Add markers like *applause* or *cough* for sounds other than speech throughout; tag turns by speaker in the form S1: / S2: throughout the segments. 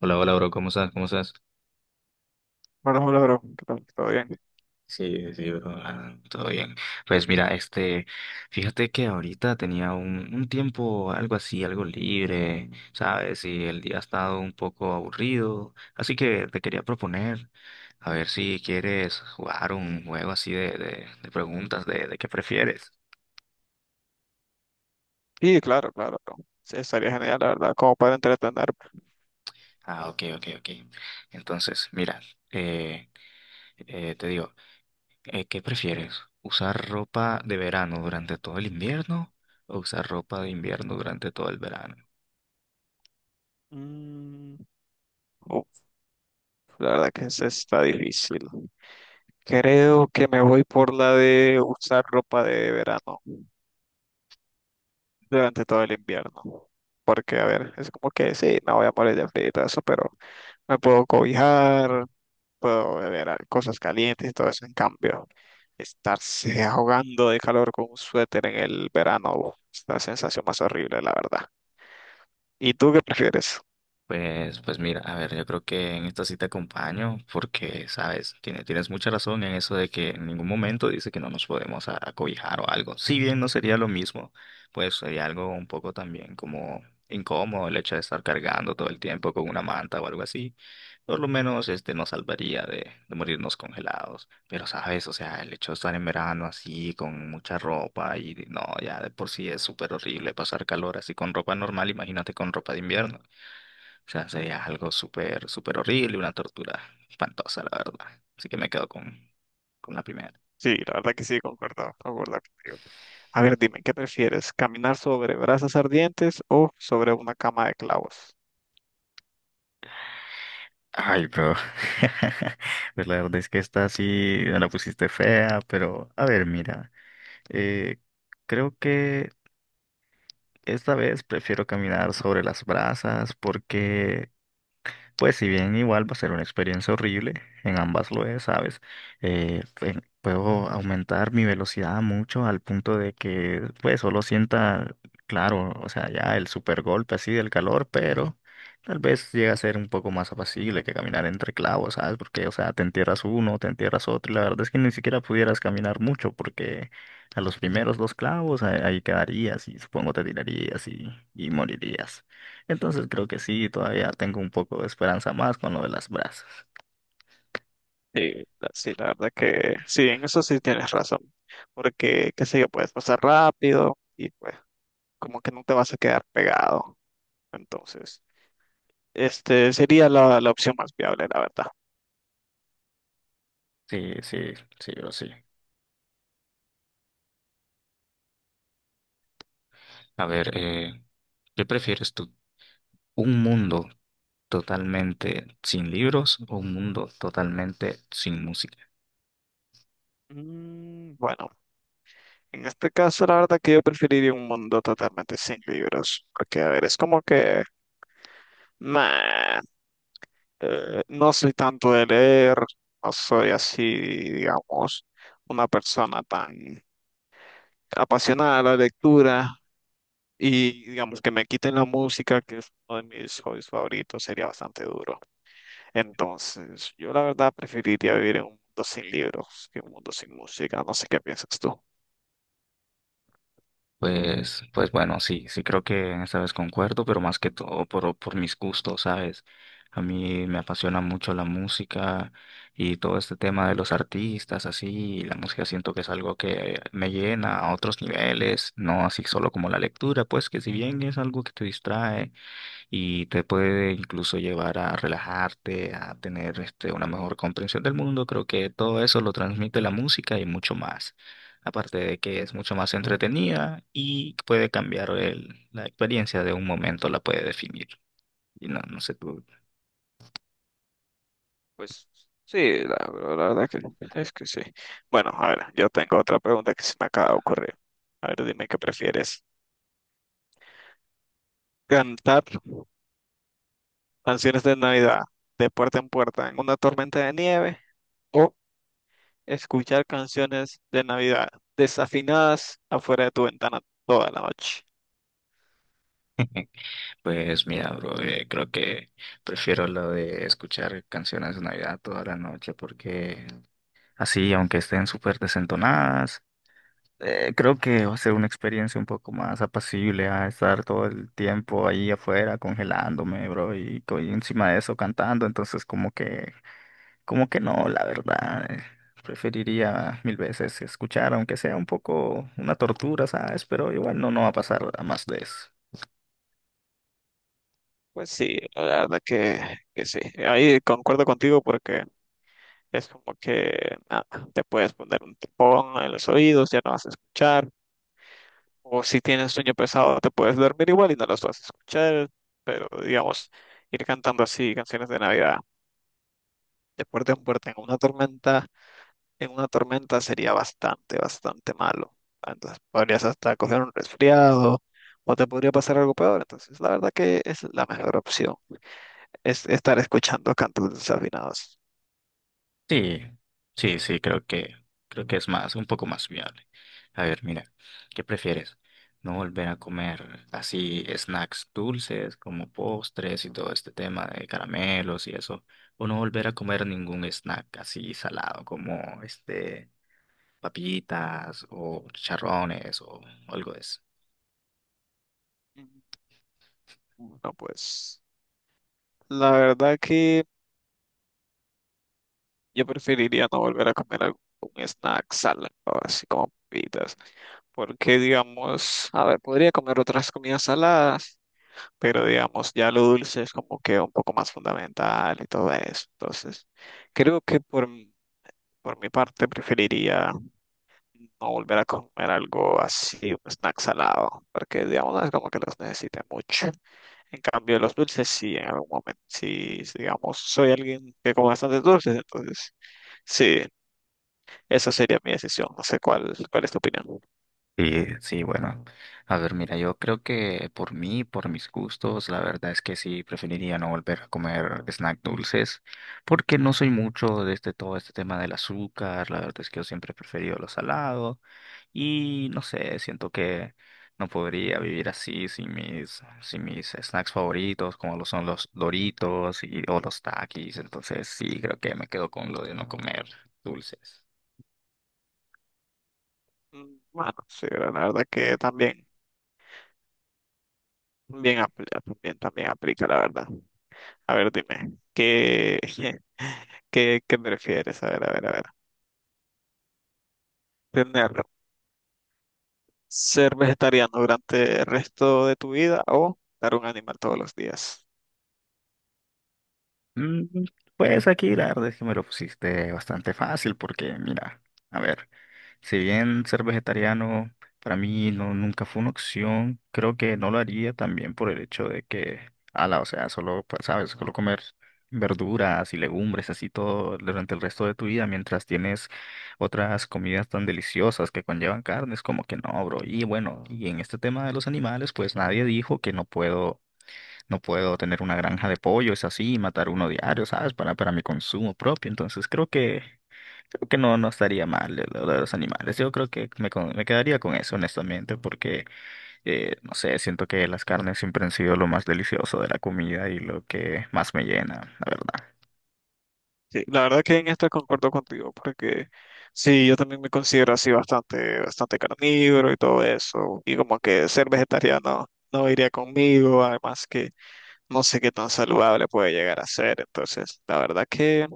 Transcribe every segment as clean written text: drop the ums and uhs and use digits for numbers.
S1: Hola, hola, bro, ¿cómo estás? ¿Cómo estás?
S2: Hola, hola, bro. ¿Qué tal? ¿Todo bien?
S1: Sí, sí, bro, todo bien. Pues mira, fíjate que ahorita tenía un tiempo, algo así, algo libre, ¿sabes? Y el día ha estado un poco aburrido, así que te quería proponer, a ver si quieres jugar un juego así de preguntas de qué prefieres.
S2: Sí, claro, claro, bro. Sí, estaría genial, la verdad, como para entretenerme.
S1: Ah, ok, ok, ok. Entonces, mira, eh, te digo. ¿Qué prefieres? ¿Usar ropa de verano durante todo el invierno o usar ropa de invierno durante todo el verano?
S2: Mm, uf, la verdad que esa está difícil. Creo que me voy por la de usar ropa de verano durante todo el invierno. Porque, a ver, es como que sí, no voy a morir de frío y todo eso, pero me puedo cobijar, puedo beber cosas calientes y todo eso. En cambio, estarse ahogando de calor con un suéter en el verano, uf, es la sensación más horrible, la verdad. ¿Y tú qué prefieres?
S1: Pues, pues mira, a ver, yo creo que en esta sí te acompaño porque, sabes, tienes mucha razón en eso de que en ningún momento dice que no nos podemos acobijar o algo. Si bien no sería lo mismo, pues sería algo un poco también como incómodo el hecho de estar cargando todo el tiempo con una manta o algo así. Por lo menos este nos salvaría de morirnos congelados. Pero, sabes, o sea, el hecho de estar en verano así con mucha ropa y no, ya de por sí es súper horrible pasar calor así con ropa normal, imagínate con ropa de invierno. O sea, sería algo súper, súper horrible, una tortura espantosa, la verdad. Así que me quedo con la primera.
S2: Sí, la verdad que sí, concuerdo, concuerdo contigo. A ver, dime, ¿qué prefieres? ¿Caminar sobre brasas ardientes o sobre una cama de clavos?
S1: Ay, bro. *laughs* Pues la verdad es que esta sí me la pusiste fea, pero a ver, mira. eh, Creo que esta vez prefiero caminar sobre las brasas porque, pues si bien igual va a ser una experiencia horrible, en ambas lo es, ¿sabes? Puedo aumentar mi velocidad mucho al punto de que pues solo sienta, claro, o sea, ya el super golpe así del calor, pero tal vez llega a ser un poco más apacible que caminar entre clavos, ¿sabes? Porque, o sea, te entierras uno, te entierras otro, y la verdad es que ni siquiera pudieras caminar mucho porque a los primeros dos clavos ahí quedarías y supongo te tirarías y morirías. Entonces creo que sí, todavía tengo un poco de esperanza más con lo de las brasas.
S2: Sí, sí, la verdad que sí, en eso sí tienes razón. Porque, qué sé yo, puedes pasar rápido y pues como que no te vas a quedar pegado. Entonces, este sería la opción más viable, la verdad.
S1: Sí, sí, sí, bro, sí. A ver, ¿qué prefieres tú? ¿Un mundo totalmente sin libros o un mundo totalmente sin música?
S2: Mm, bueno, en este caso, la verdad que yo preferiría un mundo totalmente sin libros. Porque, a ver, es como que... Nah. No soy tanto de leer, no soy así, digamos, una persona tan apasionada de la lectura y digamos que me quiten la música, que es uno de mis hobbies favoritos, sería bastante duro. Entonces, yo la verdad preferiría vivir en un mundo sin libros que un mundo sin música. No sé qué piensas tú.
S1: Pues, pues bueno, sí, sí creo que en esta vez concuerdo, pero más que todo por mis gustos, ¿sabes? A mí me apasiona mucho la música y todo este tema de los artistas, así, y la música siento que es algo que me llena a otros niveles, no así solo como la lectura, pues que si bien es algo que te distrae y te puede incluso llevar a relajarte, a tener este, una mejor comprensión del mundo. Creo que todo eso lo transmite la música y mucho más. Aparte de que es mucho más entretenida y puede cambiar la experiencia de un momento, la puede definir. Y no, no sé tú.
S2: Pues sí, la verdad que es que sí. Bueno, a ver, yo tengo otra pregunta que se me acaba de ocurrir. A ver, dime qué prefieres. ¿Cantar canciones de Navidad de puerta en puerta en una tormenta de nieve, o escuchar canciones de Navidad desafinadas afuera de tu ventana toda la noche?
S1: *laughs* Pues mira, bro, creo que prefiero lo de escuchar canciones de Navidad toda la noche porque así, aunque estén súper desentonadas, creo que va a ser una experiencia un poco más apacible a estar todo el tiempo ahí afuera congelándome, bro, y encima de eso cantando, entonces como que no, la verdad, preferiría mil veces escuchar, aunque sea un poco una tortura, ¿sabes? Pero igual no, no va a pasar a más de eso.
S2: Pues sí, la verdad que sí. Ahí concuerdo contigo porque es como que nada, te puedes poner un tapón en los oídos, ya no vas a escuchar. O si tienes sueño pesado, te puedes dormir igual y no los vas a escuchar. Pero digamos, ir cantando así canciones de Navidad de puerta en puerta en una tormenta en una tormenta sería bastante, bastante malo. Entonces podrías hasta coger un resfriado o te podría pasar algo peor. Entonces, la verdad que es la mejor opción, es estar escuchando cantos desafinados.
S1: Sí, sí, sí, creo que es más, un poco más viable. A ver, mira, ¿qué prefieres? ¿No volver a comer así snacks dulces como postres y todo este tema de caramelos y eso? ¿O no volver a comer ningún snack así salado como este papitas o chicharrones o algo de eso?
S2: Mm, bueno, pues la verdad que yo preferiría no volver a comer algún un snack salado, así como papitas, porque digamos, a ver, podría comer otras comidas saladas pero digamos, ya lo dulce es como que un poco más fundamental y todo eso. Entonces, creo que por mi parte preferiría no volver a comer algo así, un snack salado, porque digamos, no es como que los necesite mucho. En cambio, los dulces sí, en algún momento, sí, digamos, soy alguien que come bastantes dulces, entonces sí, esa sería mi decisión. No sé cuál, cuál es tu opinión.
S1: Sí, sí, bueno. A ver, mira, yo creo que por mí, por mis gustos, la verdad es que sí preferiría no volver a comer snack dulces, porque no soy mucho de este todo este tema del azúcar, la verdad es que yo siempre he preferido lo salado y no sé, siento que no podría vivir así sin mis snacks favoritos, como lo son los Doritos y o los Takis, entonces sí, creo que me quedo con lo de no comer dulces.
S2: Mm, bueno, sí, la verdad que también, también, también aplica, la verdad. A ver, dime, ¿qué, *laughs* qué, qué prefieres? A ver, a ver, a ver. ¿Tener ¿Ser vegetariano durante el resto de tu vida o dar un animal todos los días?
S1: Mm, pues aquí la verdad es que me lo pusiste bastante fácil porque mira, a ver, si bien ser vegetariano para mí no nunca fue una opción, creo que no lo haría también por el hecho de que, ala, o sea, solo, pues, sabes, solo comer verduras y legumbres así todo durante el resto de tu vida mientras tienes otras comidas tan deliciosas que conllevan carnes, como que no, bro. Y bueno, y en este tema de los animales, pues nadie dijo que no puedo tener una granja de pollos así y matar uno diario, ¿sabes? Para mi consumo propio. Entonces creo que no, no estaría mal lo de los animales. Yo creo que me quedaría con eso, honestamente, porque, no sé, siento que las carnes siempre han sido lo más delicioso de la comida y lo que más me llena, la verdad.
S2: Sí, la verdad que en esto concuerdo contigo, porque sí, yo también me considero así bastante, bastante carnívoro y todo eso, y como que ser vegetariano no iría conmigo, además que no sé qué tan saludable puede llegar a ser, entonces, la verdad que...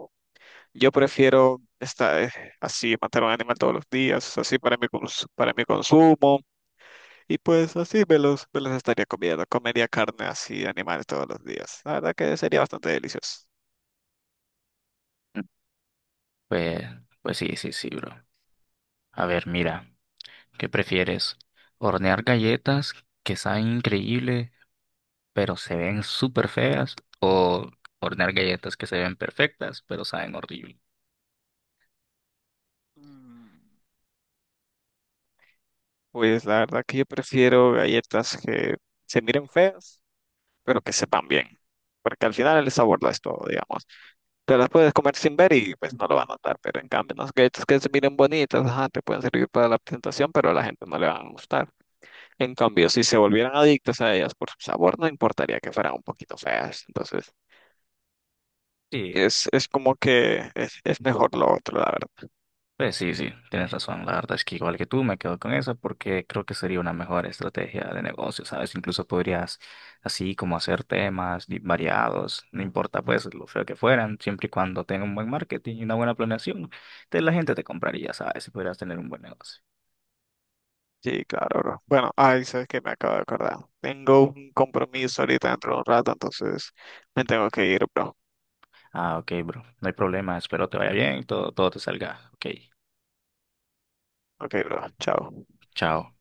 S2: Yo prefiero estar así, matar a un animal todos los días, así para para mi consumo, y pues así me los estaría comiendo. Comería carne así de animales todos los días. La verdad que sería bastante delicioso.
S1: Pues, pues sí, sí, sí, bro. A ver, mira, ¿qué prefieres? ¿Hornear galletas que saben increíble pero se ven súper feas, o hornear galletas que se ven perfectas, pero saben horrible?
S2: Mm, pues la verdad que yo prefiero galletas que se miren feas, pero que sepan bien. Porque al final el sabor lo es todo, digamos. Te las puedes comer sin ver y pues no lo van a notar. Pero en cambio, las galletas que se miren bonitas, ajá, te pueden servir para la presentación, pero a la gente no le van a gustar. En cambio, si se volvieran adictas a ellas por su sabor, no importaría que fueran un poquito feas. Entonces,
S1: Sí,
S2: es como que es mejor lo otro, la verdad.
S1: pues sí, sí, tienes razón. La verdad es que igual que tú me quedo con esa porque creo que sería una mejor estrategia de negocio, ¿sabes? Incluso podrías así como hacer temas variados, no importa pues lo feo que fueran, siempre y cuando tenga un buen marketing y una buena planeación, la gente te compraría, ¿sabes? Y podrías tener un buen negocio.
S2: Sí, claro, bro. Bueno, ay, sabes que me acabo de acordar. Tengo un compromiso ahorita dentro de un rato, entonces me tengo que ir, bro.
S1: Ah, ok, bro, no hay problema, espero te vaya bien, todo, todo te salga. Ok,
S2: Ok, bro. Chao.
S1: chao.